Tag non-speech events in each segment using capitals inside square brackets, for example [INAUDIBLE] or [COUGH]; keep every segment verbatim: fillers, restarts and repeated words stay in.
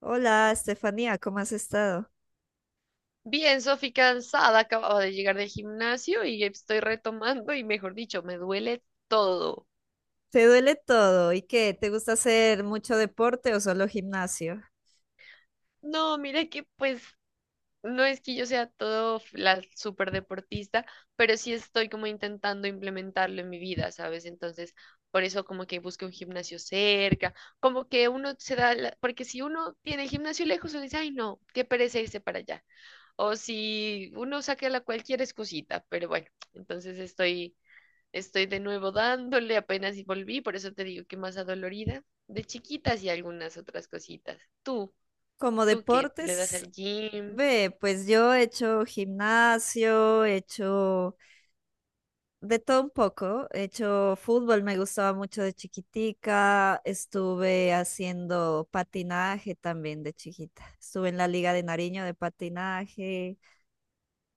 Hola, Estefanía, ¿cómo has estado? Bien, Sofi, cansada, acababa de llegar del gimnasio y estoy retomando y mejor dicho, me duele todo. ¿Te duele todo? ¿Y qué? ¿Te gusta hacer mucho deporte o solo gimnasio? No, mira que pues no es que yo sea todo f- la super deportista, pero sí estoy como intentando implementarlo en mi vida, ¿sabes? Entonces, por eso como que busco un gimnasio cerca, como que uno se da, la- porque si uno tiene el gimnasio lejos, uno dice, ay no, qué pereza irse para allá. O si uno saca la cualquier excusita, pero bueno, entonces estoy Estoy de nuevo dándole, apenas y volví, por eso te digo que más adolorida, de chiquitas y algunas otras cositas. Tú, Como tú que le das deportes, al gym. ve, pues yo he hecho gimnasio, he hecho de todo un poco. He hecho fútbol, me gustaba mucho de chiquitica. Estuve haciendo patinaje también de chiquita. Estuve en la Liga de Nariño de patinaje.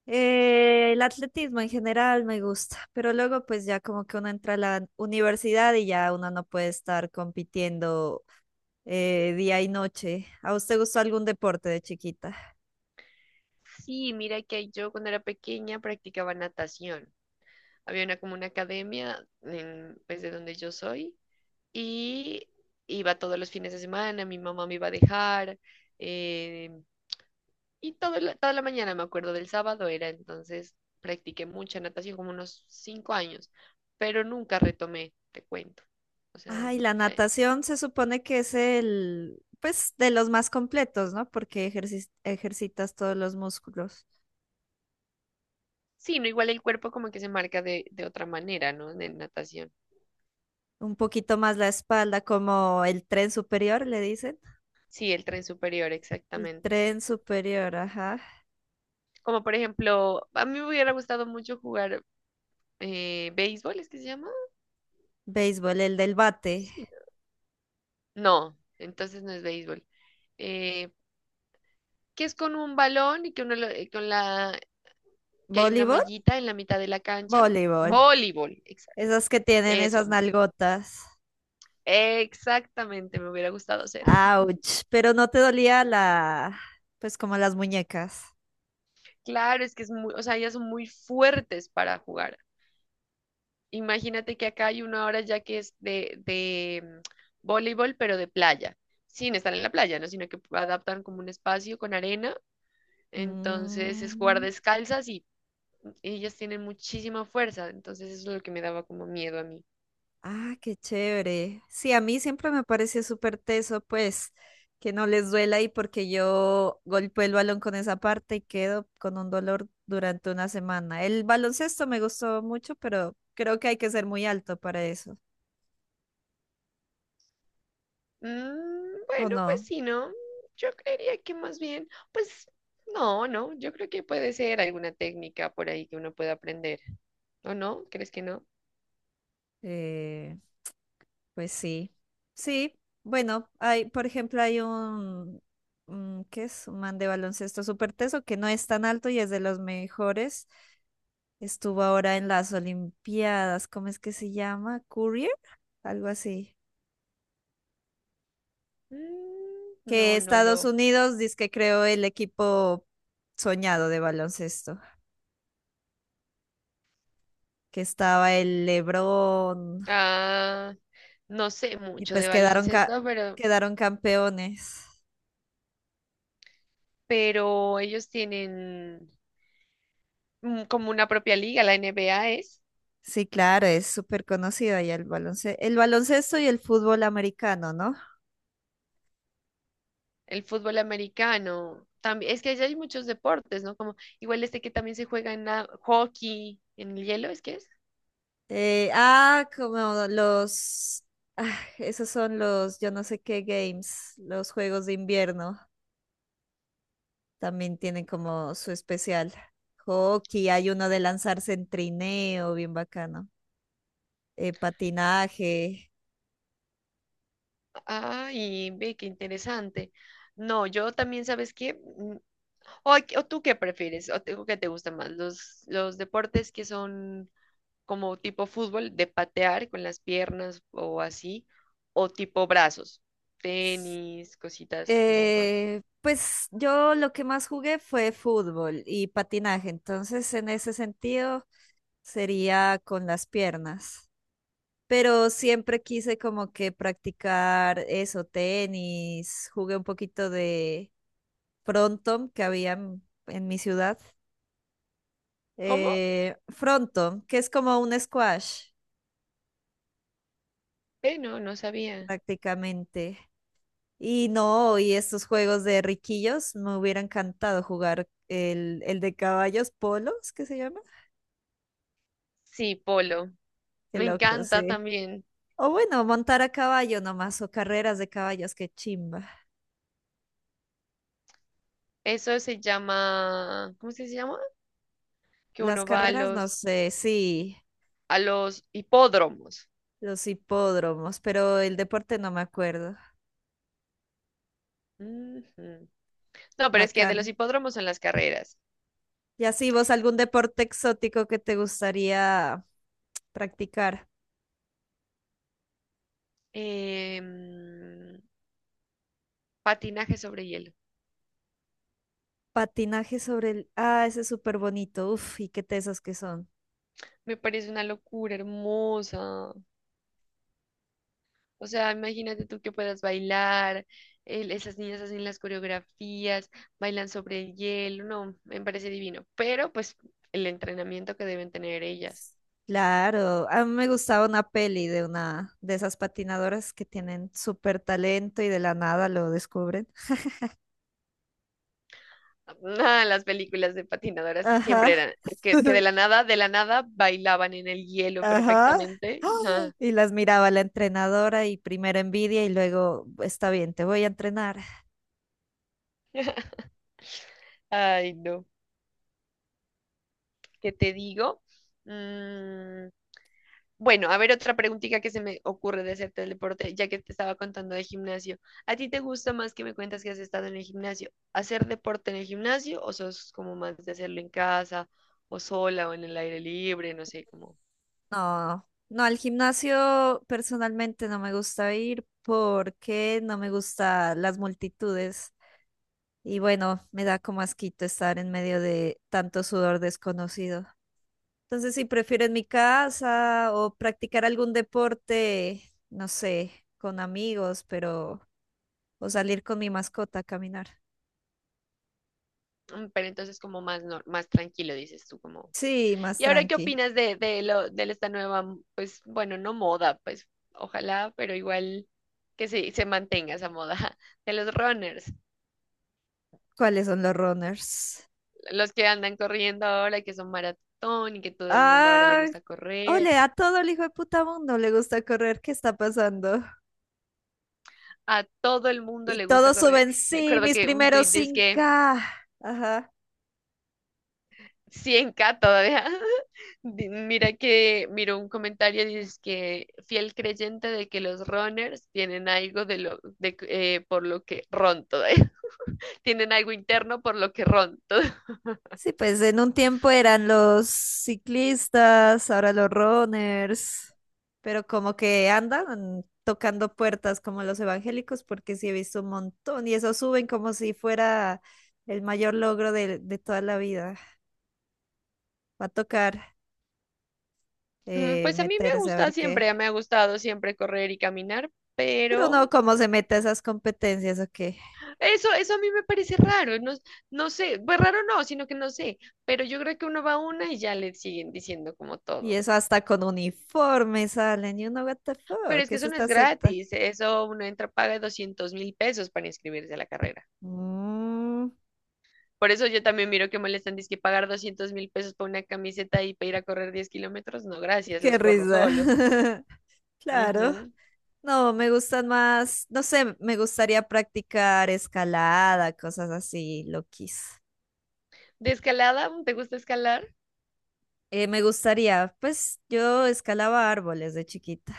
Eh, el atletismo en general me gusta, pero luego pues ya como que uno entra a la universidad y ya uno no puede estar compitiendo eh, día y noche. ¿A usted gustó algún deporte de chiquita? Sí, mira que yo cuando era pequeña practicaba natación. Había una como una academia en, pues de donde yo soy y iba todos los fines de semana, mi mamá me iba a dejar, eh, y todo la- toda la mañana, me acuerdo del sábado era, entonces practiqué mucha natación, como unos cinco años, pero nunca retomé, te cuento. O sea, Ay, la eh, natación se supone que es el, pues de los más completos, ¿no? Porque ejercis- ejercitas todos los músculos. sí, no igual el cuerpo como que se marca de, de otra manera, ¿no? De natación. Un poquito más la espalda, como el tren superior, le dicen. Sí, el tren superior, El exactamente. tren superior, ajá. Como por ejemplo, a mí me hubiera gustado mucho jugar eh, béisbol, ¿es que se llama? Béisbol, el del bate. Sí. No, entonces no es béisbol. Eh, que es con un balón y que uno lo- eh, con la, que hay una ¿Voleibol? mallita en la mitad de la cancha. Voleibol. Voleibol, exacto. Esas que tienen esas Eso, nalgotas. exactamente, me hubiera gustado hacer. Ouch. Pero no te dolía la, pues como las muñecas. Claro, es que es muy, o sea, ellas son muy fuertes para jugar. Imagínate que acá hay una hora ya que es de, de mm, voleibol, pero de playa, sin estar en la playa, ¿no? Sino que adaptan como un espacio con arena. Entonces es jugar Mm. descalzas y ellas tienen muchísima fuerza. Entonces eso es lo que me daba como miedo a mí. Ah, qué chévere. Sí, a mí siempre me pareció súper teso, pues, que no les duela, y porque yo golpeo el balón con esa parte y quedo con un dolor durante una semana. El baloncesto me gustó mucho, pero creo que hay que ser muy alto para eso. Mm, ¿O bueno, pues no? sí, ¿no? Yo creería que más bien, pues no, no, yo creo que puede ser alguna técnica por ahí que uno pueda aprender, ¿o no? ¿Crees que no? Eh, Pues sí, sí. Bueno, hay, por ejemplo, hay un, un- ¿qué es? Un man de baloncesto súper teso que no es tan alto y es de los mejores. Estuvo ahora en las Olimpiadas, ¿cómo es que se llama? Courier, algo así. Mm, no, Que no lo. Estados Unidos dice que creó el equipo soñado de baloncesto, que estaba el LeBron, Ah, no sé y mucho de pues quedaron, ca- baloncesto, pero, quedaron campeones. pero ellos tienen mm, como una propia liga, la N B A es Sí, claro, es súper conocido allá el baloncesto, el baloncesto y el fútbol americano, ¿no? el fútbol americano. También, es que allá hay muchos deportes, ¿no? Como igual este que también se juega en la- hockey, en el hielo, ¿es que es? Eh, ah, como los, ah, esos son los, yo no sé qué games, los juegos de invierno, también tienen como su especial. Hockey, hay uno de lanzarse en trineo, bien bacano. Eh, patinaje. Ay, ve, qué interesante. No, yo también, ¿sabes qué? Mm, ¿O, a- o tú qué prefieres? ¿O te, o qué te gusta más? ¿Los, los deportes que son como tipo fútbol, de patear con las piernas o así? ¿O tipo brazos? Tenis, cositas como más. Eh, pues yo lo que más jugué fue fútbol y patinaje, entonces en ese sentido sería con las piernas. Pero siempre quise como que practicar eso, tenis, jugué un poquito de frontón que había en, en mi ciudad. ¿Cómo? Eh, frontón, que es como un squash Eh, no, no sabía. prácticamente. Y no, y estos juegos de riquillos, me hubiera encantado jugar el, el de caballos polos, ¿qué se llama? Sí, polo. Qué Me loco, encanta sí. también. O bueno, montar a caballo nomás, o carreras de caballos, qué chimba. Eso se llama, ¿cómo es que se llama? Que Las uno va a carreras, no los, sé, sí. a los hipódromos. Los hipódromos, pero el deporte no me acuerdo. Ujú. No, pero es que de los Bacano. hipódromos son las carreras. Y así vos, ¿algún deporte exótico que te gustaría practicar? Em, Patinaje sobre hielo. Patinaje sobre el... Ah, ese es súper bonito. Uf, y qué tesos que son. Me parece una locura hermosa. O sea, imagínate tú que puedas bailar, el- esas niñas hacen las coreografías, bailan sobre el hielo. No, me parece divino. Pero pues el entrenamiento que deben tener ellas. Claro, a mí me gustaba una peli de una de esas patinadoras que tienen súper talento y de la nada lo descubren. [LAUGHS] Nada, las películas de patinadoras siempre Ajá, eran que, que de [LAUGHS] la nada, de la nada bailaban en el hielo ajá. perfectamente. ¡Ah! Ajá. Y las miraba la entrenadora, y primero envidia y luego, está bien, te voy a entrenar. Ay, no. ¿Qué te digo? Mm, Bueno, a ver otra preguntita que se me ocurre de hacerte del deporte, ya que te estaba contando de gimnasio. ¿A ti te gusta más que me cuentas que has estado en el gimnasio? ¿Hacer deporte en el gimnasio o sos como más de hacerlo en casa o sola o en el aire libre? No sé, como... No, no, al gimnasio personalmente no me gusta ir porque no me gustan las multitudes y bueno, me da como asquito estar en medio de tanto sudor desconocido. Entonces, si prefiero en mi casa o practicar algún deporte, no sé, con amigos, pero o salir con mi mascota a caminar. mm, Pero entonces como más, nor- más tranquilo, dices tú, como... Sí, más ¿Y ahora qué tranqui. opinas de, de, lo, de esta nueva, mm, pues bueno, no moda, pues ojalá, pero igual que se, se mantenga esa moda [LAUGHS] de los runners? ¿Cuáles son los runners? Los que andan corriendo ahora, y que son maratón y que todo el mundo ahora le Ah, gusta correr. ole, a todo el hijo de puta mundo le gusta correr. ¿Qué está pasando? A todo el mundo Y le gusta todos correr. suben, Me sí, acuerdo mis que un primeros tuit dice que cinco K. Ajá. cien k todavía. [LAUGHS] Di- Mira que, miro un comentario, dice que fiel creyente de que los runners tienen algo de lo, de, que- eh, por lo que ron todavía. [LAUGHS] Tienen algo interno por lo que ron todo. Sí, pues en un tiempo eran los ciclistas, ahora los runners, pero como que andan tocando puertas como los evangélicos, porque sí he visto un montón y eso suben como si fuera el mayor logro de, de toda la vida. Va a tocar Mm, eh, Pues a mí me meterse a gusta ver qué. siempre, me ha gustado siempre correr y caminar, Pero uno pero cómo se mete a esas competencias o qué. Eso, eso a mí me parece raro, no, no sé, pues raro no, sino que no sé, pero yo creo que uno va a una y ya le siguen diciendo como Y todo. eso hasta con uniforme salen y uno, what the Pero fuck, es ¿qué que es eso no es esta secta? gratis, eso uno entra, paga doscientos mil pesos para inscribirse a la carrera. Mm, Por eso yo también miro que molestan, dice que pagar doscientos mil pesos para una camiseta y para ir a correr diez kilómetros, no, gracias, qué los corro risa. solos. [LAUGHS] Claro. Ujú. No, me gustan más, no sé, me gustaría practicar escalada, cosas así, loquis. ¿De escalada? ¿Te gusta escalar? Eh, me gustaría, pues yo escalaba árboles de chiquita.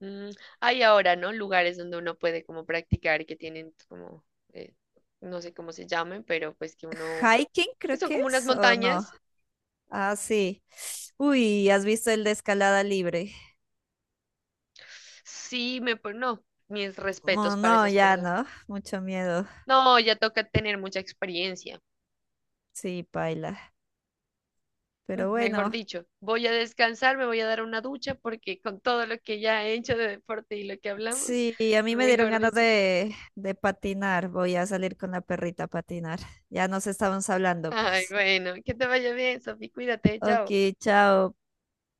Mm, Hay ahora, ¿no? Lugares donde uno puede como practicar y que tienen como, eh, no sé cómo se llamen, pero pues que uno Hiking que creo son que como unas es, ¿o no? montañas. Ah, sí. Uy, ¿has visto el de escalada libre? Sí, me, pon- no, mis Oh, respetos para no, esas ya personas. no, mucho miedo. No, ya toca tener mucha experiencia. Sí, paila. Mm, Pero Mejor bueno. dicho, voy a descansar, me voy a dar una ducha porque con todo lo que ya he hecho de deporte y lo que hablamos, Sí, a mí me dieron mejor ganas dicho. de, de patinar. Voy a salir con la perrita a patinar. Ya nos estábamos hablando, Ay, pues. bueno, que te vaya bien, Sofi, cuídate, Ok, chao. chao.